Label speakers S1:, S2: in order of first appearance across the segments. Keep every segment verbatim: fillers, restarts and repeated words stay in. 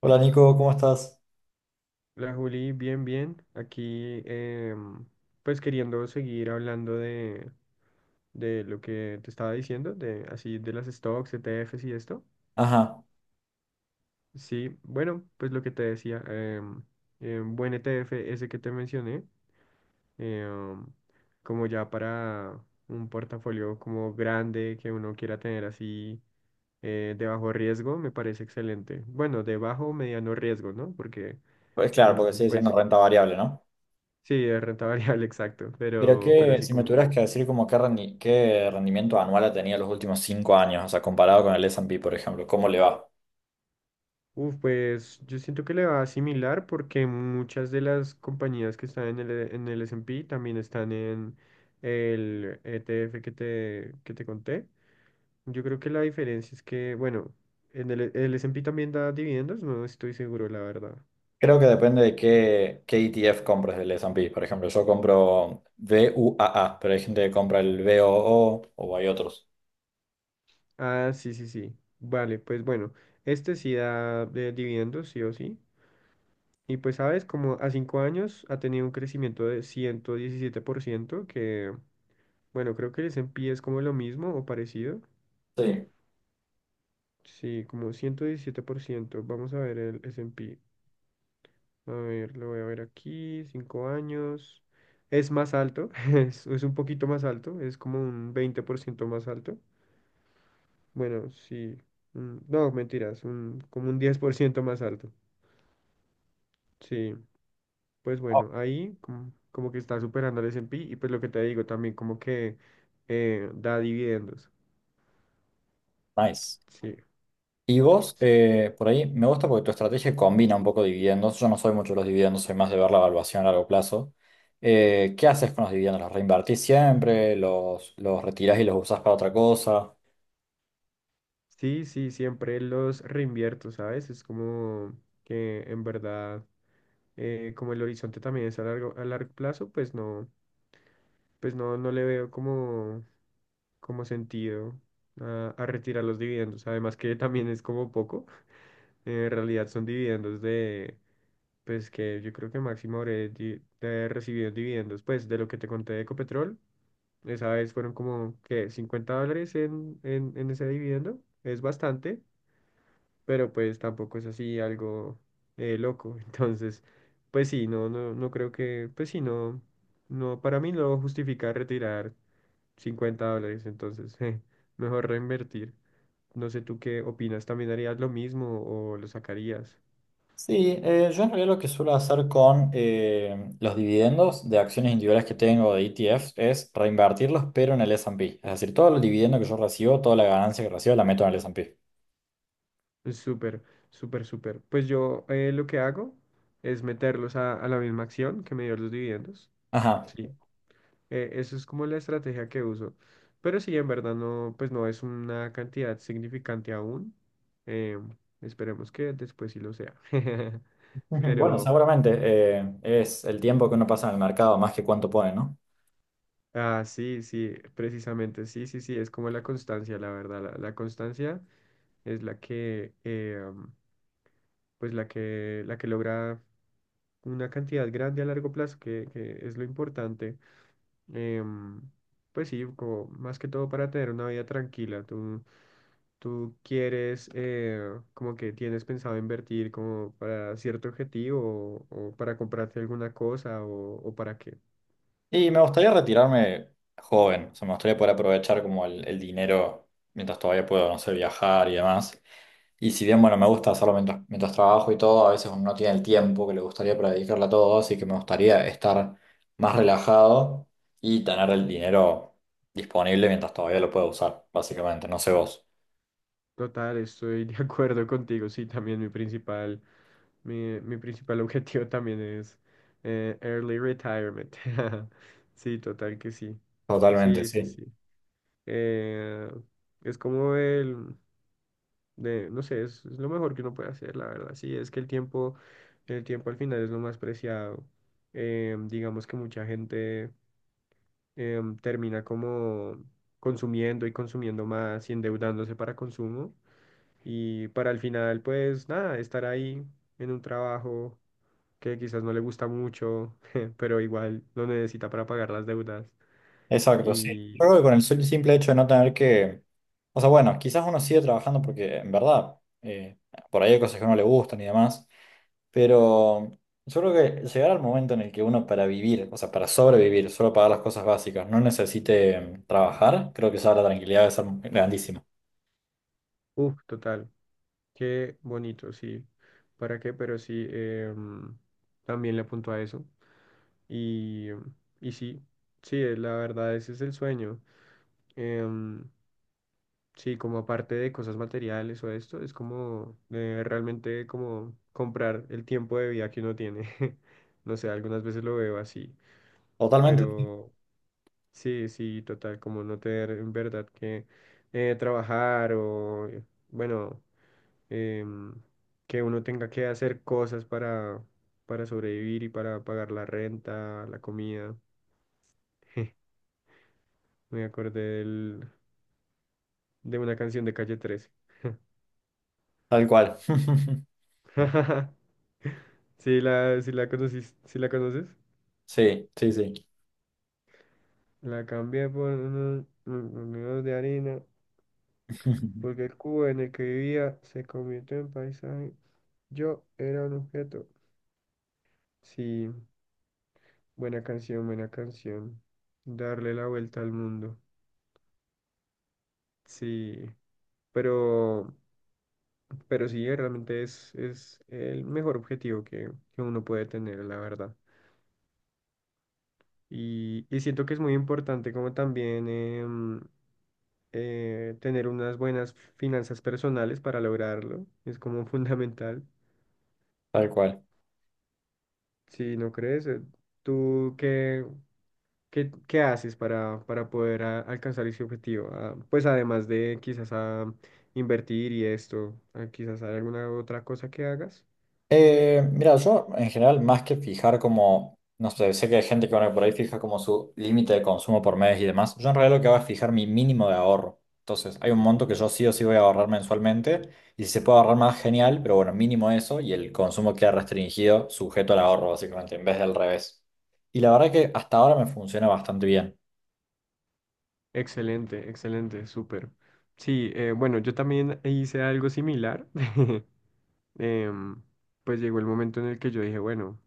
S1: Hola Nico, ¿cómo estás?
S2: La Juli, bien, bien. Aquí, em, pues queriendo seguir hablando de, de lo que te estaba diciendo, de así de las stocks, E T Fs y esto.
S1: Ajá,
S2: Sí, bueno, pues lo que te decía, em, em, buen E T F ese que te mencioné. em, Como ya para un portafolio como grande que uno quiera tener así, eh, de bajo riesgo, me parece excelente. Bueno, de bajo o mediano riesgo, ¿no? Porque
S1: pues claro, porque
S2: mm,
S1: sigue siendo
S2: pues
S1: renta variable, ¿no?
S2: sí, es renta variable, exacto,
S1: Pero
S2: pero, pero
S1: que
S2: así
S1: si me
S2: como,
S1: tuvieras que decir como qué, rendi- qué rendimiento anual ha tenido los últimos cinco años, o sea, comparado con el S and P, por ejemplo, ¿cómo le va?
S2: uf, pues yo siento que le va a similar porque muchas de las compañías que están en el, E- en el S and P también están en el E T F que te, que te conté. Yo creo que la diferencia es que, bueno, en el, el S and P también da dividendos, no estoy seguro, la verdad.
S1: Creo que depende de qué, qué E T F compres del S and P. Por ejemplo, yo compro V U A A, pero hay gente que compra el VOO o O o hay otros.
S2: Ah, sí, sí, sí. Vale, pues bueno, este sí da de dividendos, sí o sí. Y pues sabes, como a cinco años ha tenido un crecimiento de ciento diecisiete por ciento que... Bueno, creo que el S and P es como lo mismo o parecido.
S1: Sí.
S2: Sí, como ciento diecisiete por ciento. Vamos a ver el S and P. A ver, lo voy a ver aquí, cinco años. Es más alto, es, es un poquito más alto, es como un veinte por ciento más alto. Bueno, sí. mm, No, mentiras, un, como un diez por ciento más alto. Sí, pues
S1: Oh,
S2: bueno, ahí como, como que está superando al S and P, y pues lo que te digo también como que eh, da dividendos.
S1: nice.
S2: Sí.
S1: Y vos,
S2: Sí, sí, sí.
S1: eh, por ahí, me gusta porque tu estrategia combina un poco dividendos. Yo no soy mucho de los dividendos, soy más de ver la evaluación a largo plazo. Eh, ¿qué haces con los dividendos? ¿Los reinvertís siempre? ¿Los, los retirás y los usás para otra cosa?
S2: Sí, sí, siempre los reinvierto, ¿sabes? Es como que en verdad, eh, como el horizonte también es a largo, a largo plazo, pues no, pues no, no le veo como, como sentido a, a retirar los dividendos. Además que también es como poco. Eh, en realidad son dividendos de, pues que yo creo que máximo habré di- de recibido dividendos, pues de lo que te conté de Ecopetrol. Esa vez fueron como que cincuenta dólares en, en, en ese dividendo. Es bastante. Pero pues tampoco es así algo eh, loco. Entonces, pues sí, no, no, no creo que, pues sí, no, no, para mí no justifica retirar cincuenta dólares, entonces, eh, mejor reinvertir. No sé tú qué opinas, ¿también harías lo mismo o lo sacarías?
S1: Sí, eh, yo en realidad lo que suelo hacer con eh, los dividendos de acciones individuales que tengo de E T Fs es reinvertirlos, pero en el S and P. Es decir, todo el dividendo que yo recibo, toda la ganancia que recibo, la meto en el S and P.
S2: Súper, súper, súper. Pues yo, eh, lo que hago es meterlos a, a la misma acción que me dio los dividendos.
S1: Ajá.
S2: Sí. Eh, eso es como la estrategia que uso. Pero sí, en verdad no, pues no es una cantidad significante aún. Eh, Esperemos que después sí lo sea.
S1: Ujú. Bueno,
S2: Pero,
S1: seguramente eh, es el tiempo que uno pasa en el mercado más que cuánto pone, ¿no?
S2: ah, sí, sí, precisamente, sí, sí, sí, es como la constancia, la verdad. La, la constancia es la que, eh, am, pues la que, la que logra una cantidad grande a largo plazo, que, que es lo importante. Em, pues sí, como más que todo para tener una vida tranquila. ¿Tú, ¿Tú quieres, eh, como que tienes pensado invertir como para cierto objetivo o, o para comprarte alguna cosa o, o para qué?
S1: Y me gustaría retirarme joven, o sea, me gustaría poder aprovechar como el, el dinero mientras todavía puedo, no sé, viajar y demás. Y si bien, bueno, me gusta hacerlo mientras, mientras trabajo y todo, a veces uno no tiene el tiempo que le gustaría para dedicarle a todo, así que me gustaría estar más relajado y tener el dinero disponible mientras todavía lo puedo usar, básicamente, no sé vos.
S2: Total, estoy de acuerdo contigo. Sí, también mi principal, mi, mi principal objetivo también es eh, early retirement. Sí, total que sí.
S1: Totalmente,
S2: Sí, sí,
S1: sí.
S2: sí. Eh, es como el, de, no sé, es, es lo mejor que uno puede hacer, la verdad. Sí, es que el tiempo, el tiempo al final es lo más preciado. Eh, digamos que mucha gente eh, termina como consumiendo y consumiendo más y endeudándose para consumo y para al final, pues nada, estar ahí en un trabajo que quizás no le gusta mucho, pero igual lo necesita para pagar las deudas
S1: Exacto, sí. Yo
S2: y,
S1: creo que con el sol- simple hecho de no tener que... O sea, bueno, quizás uno sigue trabajando porque en verdad, eh, por ahí hay cosas que no le gustan y demás. Pero yo creo que llegar al momento en el que uno para vivir, o sea, para sobrevivir, solo pagar las cosas básicas, no necesite mm, trabajar, creo que ya la tranquilidad debe ser grandísima.
S2: uff, total. Qué bonito, sí. ¿Para qué? Pero sí, em, también le apunto a eso. Y, y sí, sí, eh, la verdad, ese es el sueño. Em, sí, como aparte de cosas materiales o esto, es como eh, realmente como comprar el tiempo de vida que uno tiene. No sé, algunas veces lo veo así,
S1: Totalmente.
S2: pero sí, sí, total, como no tener en verdad que eh, trabajar o, bueno, em, que uno tenga que hacer cosas para, para sobrevivir y para pagar la renta, la comida. Me acordé del- de una canción de Calle Trece.
S1: Tal cual.
S2: sí la, sí la conocis- ¿sí la conoces?
S1: Sí, sí, sí.
S2: La cambié por unos unos de harina, porque el cubo en el que vivía se convirtió en paisaje. Yo era un objeto. Sí, buena canción, buena canción. Darle la vuelta al mundo. Sí. Pero, pero sí, realmente es, es el mejor objetivo que, que uno puede tener, la verdad. Y, y siento que es muy importante como también em, eh, tener unas buenas finanzas personales para lograrlo. Es como fundamental.
S1: Tal cual.
S2: Si no crees. Eh, ¿tú qué, qué, qué haces para, para poder a- alcanzar ese objetivo? Ah, pues además de quizás a invertir y esto, ah, quizás hay alguna otra cosa que hagas.
S1: Eh, mira, yo en general, más que fijar como, no sé, sé que hay gente que bueno, por ahí fija como su límite de consumo por mes y demás, yo en realidad lo que hago es fijar mi mínimo de ahorro. Entonces, hay un monto que yo sí o sí voy a ahorrar mensualmente y si se puede ahorrar más, genial, pero bueno, mínimo eso y el consumo queda restringido, sujeto al ahorro, básicamente, en vez del revés. Y la verdad que hasta ahora me funciona bastante bien.
S2: Excelente, excelente, súper. Sí, eh, bueno, yo también hice algo similar. Em, pues llegó el momento en el que yo dije, bueno,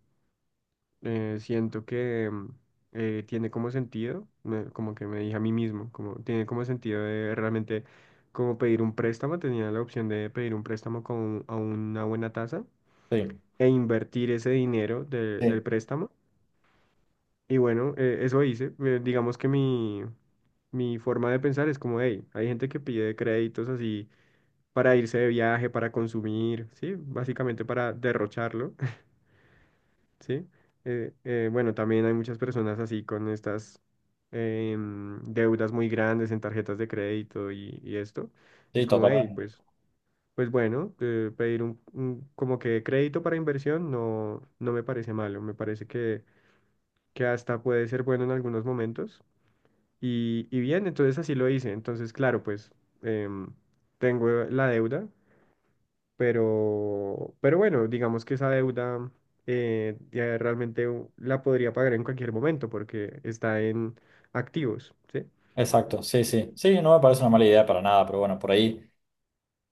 S2: eh, siento que em, eh, tiene como sentido, me- como que me dije a mí mismo, como tiene como sentido de realmente como pedir un préstamo, tenía la opción de pedir un préstamo con, a una buena tasa
S1: Sí,
S2: e invertir ese dinero de- del
S1: sí,
S2: préstamo. Y bueno, eh, eso hice. Eh, digamos que mi, mi forma de pensar es como, hey, hay gente que pide créditos así para irse de viaje, para consumir, ¿sí? Básicamente para derrocharlo, ¿sí? Eh, eh, bueno, también hay muchas personas así con estas em, deudas muy grandes en tarjetas de crédito y, y esto. Es
S1: sí,
S2: como, hey,
S1: totalmente.
S2: pues, pues bueno, eh, pedir un, un como que crédito para inversión no, no me parece malo, me parece que, que hasta puede ser bueno en algunos momentos. Y, y bien, entonces así lo hice. Entonces, claro, pues em, tengo la deuda, pero, pero bueno, digamos que esa deuda eh, ya realmente u- la podría pagar en cualquier momento porque está en activos, ¿sí?
S1: Exacto, sí, sí. Sí, no me parece una mala idea para nada, pero bueno, por ahí.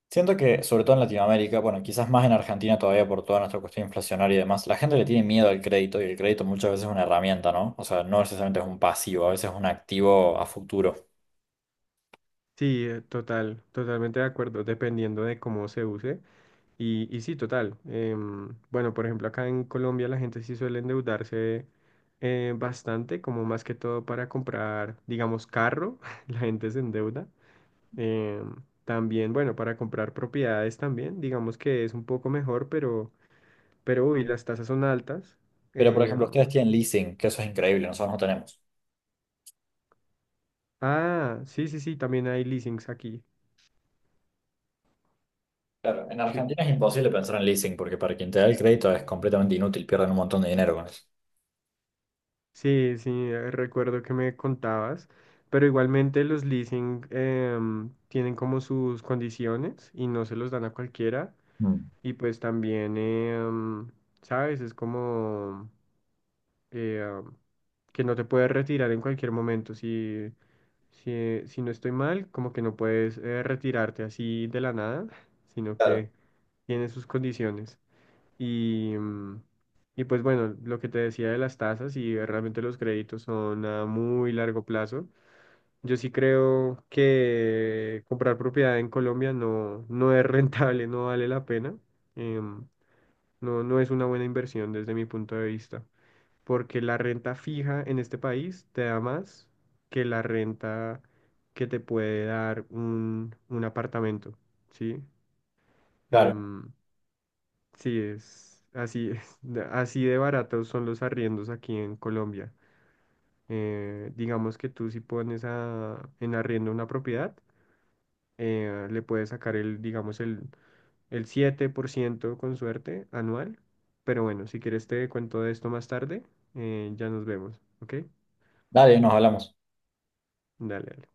S1: Siento que, sobre todo en Latinoamérica, bueno, quizás más en Argentina todavía por toda nuestra cuestión inflacionaria y demás, la gente le tiene miedo al crédito y el crédito muchas veces es una herramienta, ¿no? O sea, no necesariamente es un pasivo, a veces es un activo a futuro.
S2: Sí, eh, total, totalmente de acuerdo, dependiendo de cómo se use. Y, y sí, total. Em, bueno, por ejemplo, acá en Colombia la gente sí suele endeudarse eh, bastante, como más que todo para comprar, digamos, carro, la gente se endeuda. Eh, También, bueno, para comprar propiedades también, digamos que es un poco mejor, pero, pero uy, las tasas son altas.
S1: Pero, por
S2: Eh,
S1: ejemplo, ustedes tienen leasing, que eso es increíble, nosotros no tenemos.
S2: ah, sí, sí, sí, también hay leasings aquí.
S1: Claro, en
S2: Sí,
S1: Argentina es imposible pensar en leasing porque para quien te da el crédito es completamente inútil, pierden un montón de dinero con eso.
S2: sí, sí, eh, recuerdo que me contabas, pero igualmente los leasing em, tienen como sus condiciones y no se los dan a cualquiera.
S1: Mm.
S2: Y pues también, em, ¿sabes? Es como eh, que no te puedes retirar en cualquier momento si... Si, eh, si no estoy mal, como que no puedes eh, retirarte así de la nada, sino
S1: Claro.
S2: que tiene sus condiciones. Y, mm, y pues bueno, lo que te decía de las tasas y eh, realmente los créditos son a muy largo plazo. Yo sí creo que comprar propiedad en Colombia no, no es rentable, no vale la pena. Em, no, no es una buena inversión desde mi punto de vista porque la renta fija en este país te da más que la renta que te puede dar un, un apartamento, ¿sí?
S1: Claro.
S2: Em, sí, es así, es, de- así de baratos son los arriendos aquí en Colombia. Eh, digamos que tú si pones a- en arriendo una propiedad, eh, le puedes sacar el, digamos, el, el siete por ciento con suerte anual. Pero bueno, si quieres te cuento de esto más tarde, eh, ya nos vemos, ¿ok?
S1: Dale, nos hablamos.
S2: Dale, dale.